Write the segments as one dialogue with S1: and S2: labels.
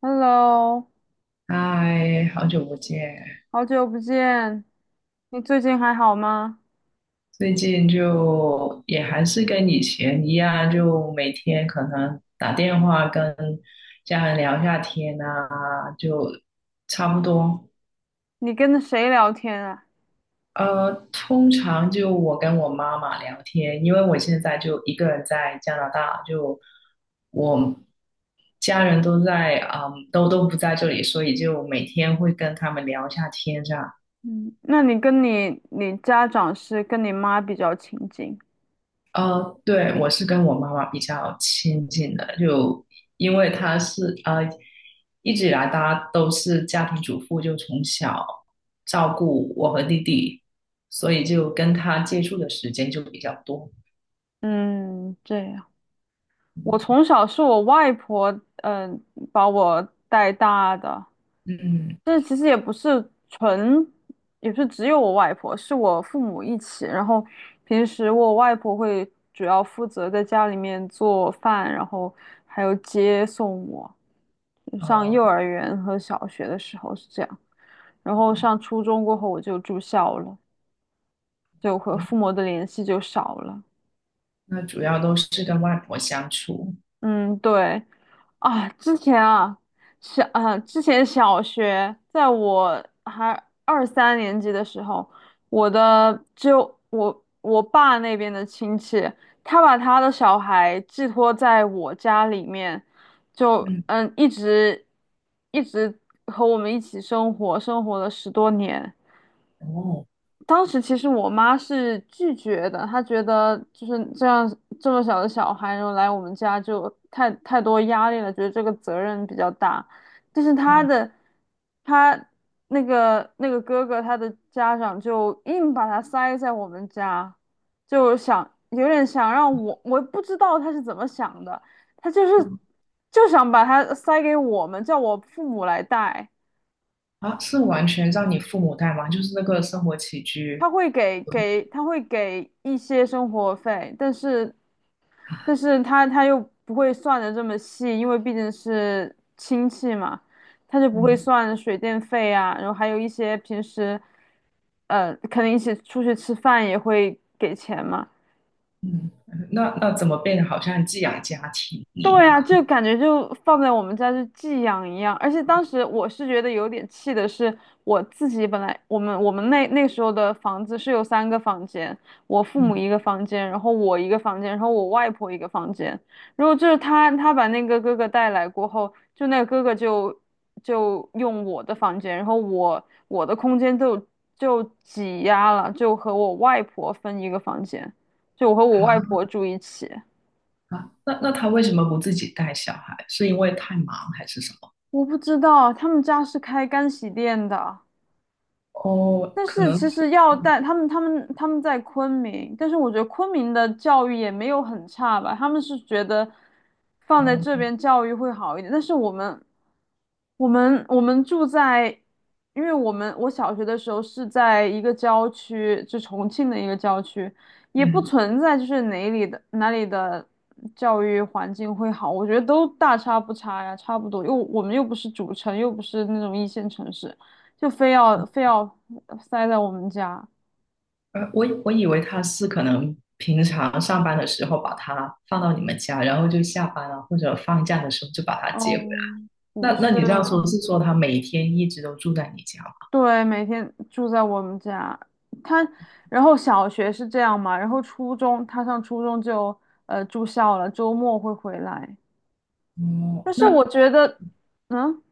S1: Hello，
S2: 嗨，好久不见！
S1: 好久不见，你最近还好吗？
S2: 最近就也还是跟以前一样，就每天可能打电话跟家人聊一下天啊，就差不多。
S1: 你跟谁聊天啊？
S2: 通常就我跟我妈妈聊天，因为我现在就一个人在加拿大，就我家人都在，嗯，都不在这里，所以就每天会跟他们聊一下天这样。
S1: 嗯，那你跟你家长是跟你妈比较亲近？
S2: 对，我是跟我妈妈比较亲近的，就因为她是一直以来大家都是家庭主妇，就从小照顾我和弟弟，所以就跟他接触的时间就比较多。
S1: 嗯，这样。我
S2: 嗯
S1: 从小是我外婆，把我带大的。
S2: 嗯，
S1: 这其实也不是纯，也不是只有我外婆，是我父母一起。然后平时我外婆会主要负责在家里面做饭，然后还有接送我。上
S2: 呃，
S1: 幼儿园和小学的时候是这样，然后上初中过后我就住校了，就和父母的联系就少了。
S2: 那主要都是跟外婆相处。
S1: 嗯，对，啊，之前啊，之前小学，在我还二三年级的时候，我的就我爸那边的亲戚，他把他的小孩寄托在我家里面，就
S2: 嗯
S1: 一直和我们一起生活了10多年。
S2: 哦，
S1: 当时其实我妈是拒绝的，她觉得就是这样这么小的小孩，然后来我们家就太多压力了，觉得这个责任比较大。但是她
S2: 哦，
S1: 的她那个哥哥，他的家长就硬把他塞在我们家，就想有点想让我，我不知道他是怎么想的，他就是
S2: 嗯
S1: 就想把他塞给我们，叫我父母来带。
S2: 啊，是完全让你父母带吗？就是那个生活起居。
S1: 他会给一些生活费，但是他又不会算的这么细，因为毕竟是亲戚嘛，他就不会
S2: 嗯
S1: 算水电费啊，然后还有一些平时可能一起出去吃饭也会给钱嘛，
S2: 嗯，那怎么变得好像寄养家庭一
S1: 对
S2: 样
S1: 啊，
S2: 啊？
S1: 就感觉就放在我们家就寄养一样，而且当时我是觉得有点气的是，我自己本来我们那时候的房子是有三个房间，我父母
S2: 嗯，
S1: 一个房间，然后我一个房间，然后我外婆一个房间。然后就是他把那个哥哥带来过后，就那个哥哥就用我的房间，然后我的空间就挤压了，就和我外婆分一个房间，就我和我外
S2: 好
S1: 婆住一起。
S2: 啊，那他为什么不自己带小孩？是因为太忙还是什么？
S1: 我不知道，他们家是开干洗店的。
S2: 哦，
S1: 但
S2: 可
S1: 是
S2: 能
S1: 其实要带他们，他们在昆明，但是我觉得昆明的教育也没有很差吧，他们是觉得放在
S2: 哦，
S1: 这边教育会好一点，但是我们住在，因为我小学的时候是在一个郊区，就重庆的一个郊区，也不
S2: 嗯，
S1: 存在就是哪里的教育环境会好，我觉得都大差不差呀，差不多，又我们又不是主城，又不是那种一线城市，就非要非要。塞在我们家。
S2: 我以为他是可能平常上班的时候把他放到你们家，然后就下班了或者放假的时候就把他接回来。
S1: 哦，不
S2: 那
S1: 是，
S2: 你这样说是说他每天一直都住在你家吗？
S1: 对，每天住在我们家。他，然后小学是这样嘛，然后他上初中就住校了，周末会回来。
S2: 哦，
S1: 但是我
S2: 那
S1: 觉得，嗯，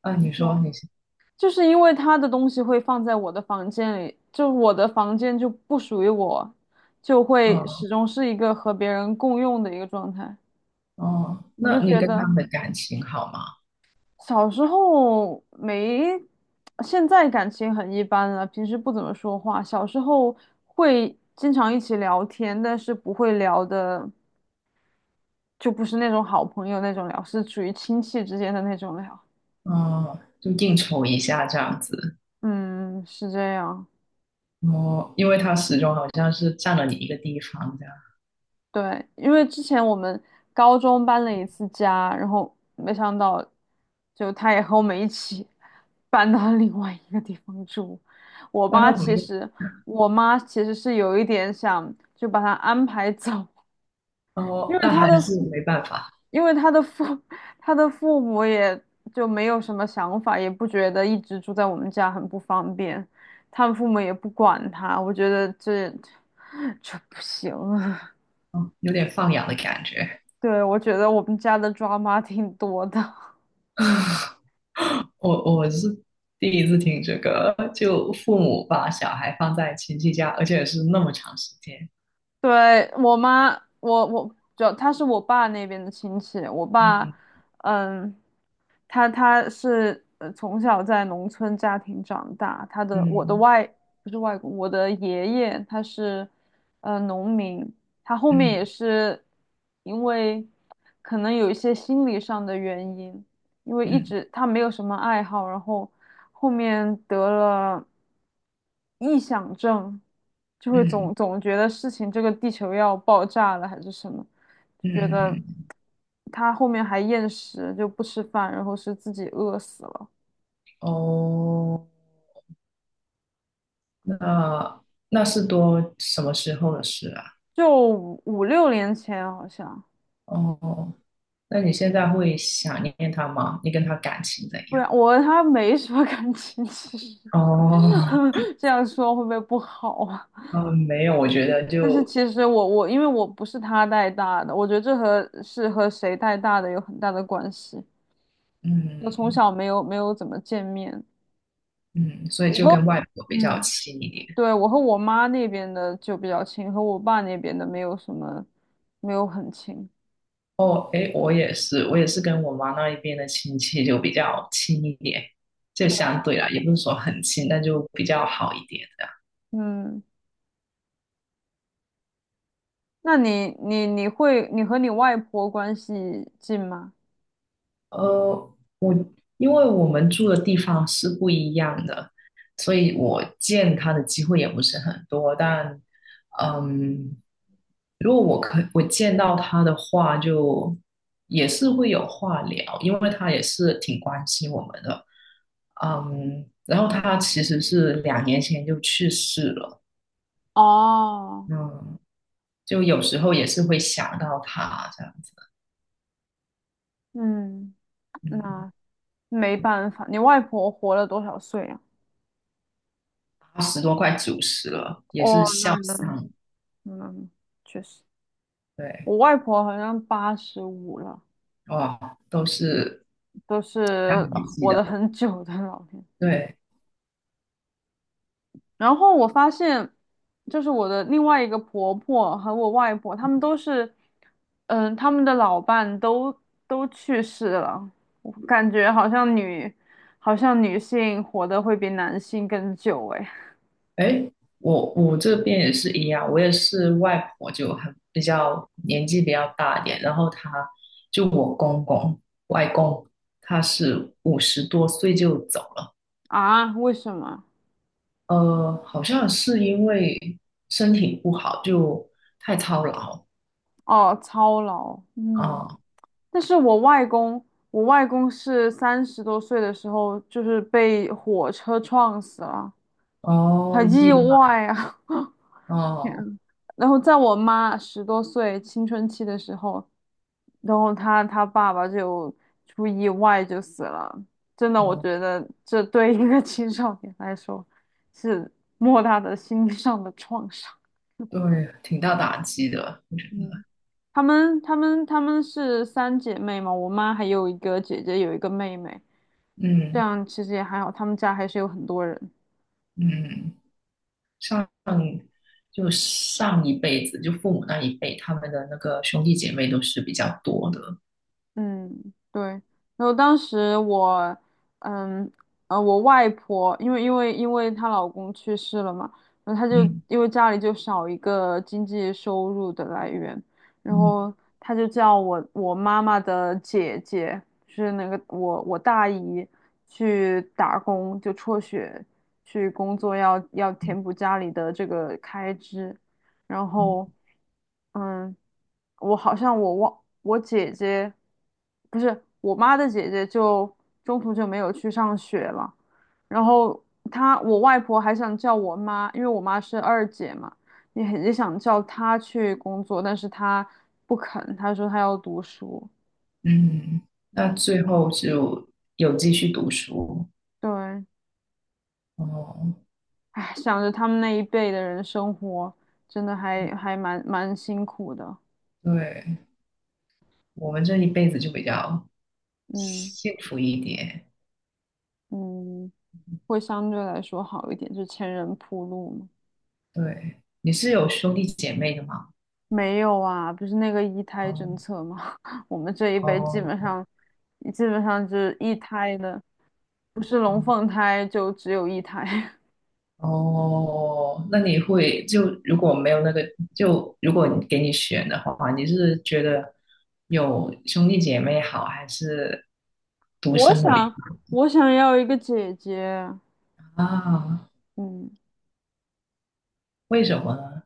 S2: 啊，
S1: 你
S2: 你说
S1: 说，
S2: 你是，
S1: 就是因为他的东西会放在我的房间里，就我的房间就不属于我，就会
S2: 哦
S1: 始终是一个和别人共用的一个状态。
S2: 哦，
S1: 我
S2: 那
S1: 就
S2: 你
S1: 觉
S2: 跟他
S1: 得。
S2: 们的感情好吗？
S1: 小时候没，现在感情很一般了，平时不怎么说话。小时候会经常一起聊天，但是不会聊的，就不是那种好朋友那种聊，是属于亲戚之间的那种聊。
S2: 哦，就应酬一下这样子。
S1: 嗯，是这样。
S2: 哦，因为他始终好像是占了你一个地方这样，
S1: 对，因为之前我们高中搬了一次家，然后没想到，就他也和我们一起 搬到另外一个地方住。我
S2: 搬
S1: 妈
S2: 到同一
S1: 其
S2: 个
S1: 实，我妈其实是有一点想就把他安排走，因
S2: 哦，
S1: 为
S2: 但
S1: 他
S2: 还
S1: 的，
S2: 是没办法，
S1: 因为他的父，他的父母也就没有什么想法，也不觉得一直住在我们家很不方便，他们父母也不管他，我觉得这 这不行。
S2: 哦，有点放养的感觉。
S1: 对，我觉得我们家的抓马挺多的。
S2: 我是第一次听这个，就父母把小孩放在亲戚家，而且是那么长时间。
S1: 对，我妈，我我主要她是我爸那边的亲戚，我爸，
S2: 嗯
S1: 嗯，他是从小在农村家庭长大，他的我的
S2: 嗯
S1: 外不是外公，我的爷爷他是农民，他后面也
S2: 嗯
S1: 是因为可能有一些心理上的原因，因为一
S2: 嗯
S1: 直他没有什么爱好，然后后面得了臆想症，就会
S2: 嗯
S1: 总觉得事情这个地球要爆炸了还是什么。
S2: 嗯
S1: 就觉得
S2: 嗯。
S1: 他后面还厌食，就不吃饭，然后是自己饿死了，
S2: 哦，那那是多什么时候的事啊？
S1: 就六年前好像。
S2: 哦那你现在会想念他吗？你跟他感情怎
S1: 不
S2: 样？
S1: 然我和他没什么 感情，其实
S2: 哦，
S1: 这样说会不会不好啊？
S2: 嗯，没有，我觉得
S1: 但是
S2: 就
S1: 其实我我因为我不是他带大的，我觉得这和是和谁带大的有很大的关系。我从
S2: 嗯
S1: 小没有怎么见面，
S2: 嗯，所以
S1: 我
S2: 就
S1: 和
S2: 跟外婆比较
S1: 嗯，
S2: 亲一点。
S1: 对，我和我妈那边的就比较亲，和我爸那边的没有什么，没有很亲。
S2: 哦，诶，我也是，我也是跟我妈那一边的亲戚就比较亲一点，就相对啦，也不是说很亲，但就比较好一点。
S1: 嗯，那你和你外婆关系近吗？
S2: 我因为我们住的地方是不一样的，所以我见他的机会也不是很多。但，嗯，如果我见到他的话，就也是会有话聊，因为他也是挺关心我们的。嗯，然后他其实是2年前就去世了，
S1: 哦，
S2: 嗯，就有时候也是会想到他这样子，
S1: 嗯，
S2: 嗯，
S1: 那没办法，你外婆活了多少岁啊？
S2: 80多快90了，也是
S1: 哦，
S2: 孝
S1: 那
S2: 丧，
S1: 嗯，确实，
S2: 对。
S1: 我外婆好像85了，
S2: 哇，都是
S1: 都是
S2: 大年纪
S1: 活得
S2: 的。
S1: 很久的老人。
S2: 对，
S1: 然后我发现，就是我的另外一个婆婆和我外婆，她们都是，嗯，她们的老伴都去世了。我感觉好像女性活得会比男性更久诶。
S2: 哎，我这边也是一样，我也是外婆就很比较年纪比较大一点，然后她就我公公外公，他是50多岁就走了，
S1: 啊，为什么？
S2: 好像是因为身体不好，就太操劳
S1: 哦，操劳。嗯，
S2: 啊，
S1: 但是我外公是30多岁的时候，就是被火车撞死了，
S2: 哦，
S1: 很意
S2: 意外，
S1: 外啊。
S2: 哦
S1: 然后在我妈10多岁青春期的时候，然后她爸爸就出意外就死了。真的，我
S2: 哦，
S1: 觉得这对一个 青少年来说是莫大的心理上的创伤。
S2: 对，挺大打击的，我觉
S1: 嗯，
S2: 得，
S1: 她们是三姐妹嘛，我妈还有一个姐姐，有一个妹妹，这
S2: 嗯
S1: 样其实也还好，她们家还是有很多人。
S2: 嗯。上就上一辈子，就父母那一辈，他们的那个兄弟姐妹都是比较多的。
S1: 嗯，对。然后当时我，嗯，呃，我外婆，因为她老公去世了嘛，然后她就
S2: 嗯
S1: 因为家里就少一个经济收入的来源，然
S2: 嗯
S1: 后她就叫我妈妈的姐姐，就是那个我大姨去打工，就辍学去工作要填补家里的这个开支。然
S2: 嗯
S1: 后，嗯，我好像我忘我姐姐，不是我妈的姐姐就，中途就没有去上学了。然后我外婆还想叫我妈，因为我妈是二姐嘛，也想叫她去工作，但是她不肯，她说她要读书。
S2: 嗯，那最后就有继续读书。
S1: 对，
S2: 哦，
S1: 唉，想着他们那一辈的人生活，真的还蛮辛苦的。
S2: 对，我们这一辈子就比较
S1: 嗯
S2: 幸福一点。
S1: 嗯。会相对来说好一点，就前人铺路嘛。
S2: 对，你是有兄弟姐妹的吗？
S1: 没有啊，不是那个一
S2: 哦
S1: 胎政策吗？我们这一辈基本
S2: 哦。
S1: 上，就是一胎的，不是龙凤胎就只有一胎。
S2: 哦，那你会就如果没有那个，就如果你给你选的话，你是觉得有兄弟姐妹好，还是 独
S1: 我
S2: 生的比
S1: 想，我想要一个姐姐，
S2: 较啊？
S1: 嗯，
S2: 为什么呢？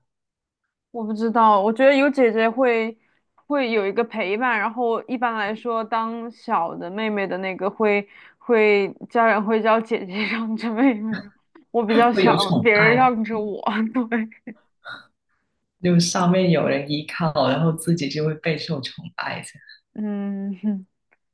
S1: 我不知道，我觉得有姐姐会有一个陪伴，然后一般来说，当小的妹妹的那个家人会叫姐姐 让着妹妹，我比较
S2: 会有
S1: 想
S2: 宠
S1: 别人
S2: 爱，
S1: 让着我，对，
S2: 就上面有人依靠，然后自己就会备受宠爱这样。
S1: 嗯，哼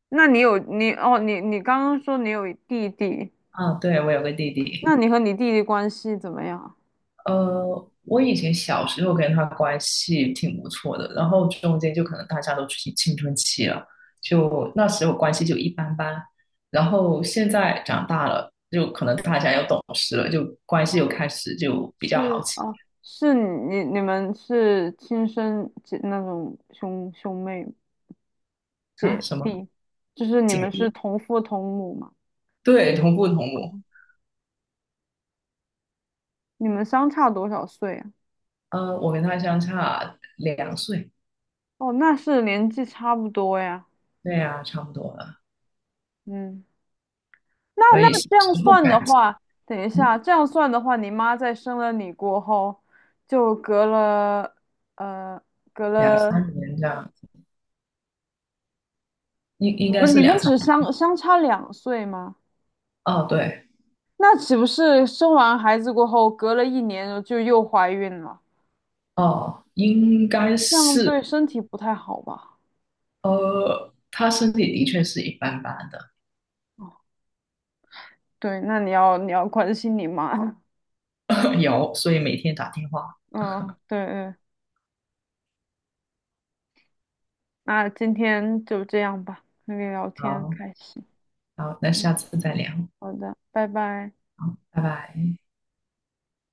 S1: 那你有你哦，你刚刚说你有弟弟，
S2: 啊，对，我有个弟
S1: 那
S2: 弟。
S1: 你和你弟弟关系怎么样？
S2: 我以前小时候跟他关系挺不错的，然后中间就可能大家都青春期了，就那时候关系就一般般。然后现在长大了，就可能大家又懂事了，就关系又
S1: 哦，
S2: 开始就比较好
S1: 是
S2: 起
S1: 哦，你们是亲生姐那种兄妹吗？
S2: 啊，
S1: 姐
S2: 什么
S1: 弟，就是你
S2: 姐
S1: 们是
S2: 弟？
S1: 同父同母嘛？
S2: 对，同父同
S1: 哦，
S2: 母。
S1: 你们相差多少岁啊？
S2: 我跟他相差2岁，
S1: 哦，那是年纪差不多呀。
S2: 对呀、差不多了。
S1: 嗯，那
S2: 所以
S1: 那
S2: 小
S1: 这样
S2: 时候
S1: 算的
S2: 感情，
S1: 话，等一下，
S2: 嗯，
S1: 这样算的话，你妈在生了你过后，就呃，隔
S2: 两
S1: 了，
S2: 三年这样，应应
S1: 你
S2: 该
S1: 们
S2: 是
S1: 你们
S2: 两三。
S1: 只相差2岁吗？
S2: 哦，对，
S1: 那岂不是生完孩子过后，隔了一年就又怀孕了？
S2: 哦，应该
S1: 这样
S2: 是。
S1: 对身体不太好吧？
S2: 他身体的确是一般般的，
S1: 哦，对，那你要关心你妈。
S2: 有，所以每天打电话。
S1: 嗯，对对，那今天就这样吧，那个聊天很
S2: 好，
S1: 开心。
S2: 好，那下
S1: 嗯，
S2: 次再聊，
S1: 好的，拜拜。
S2: 好，拜拜。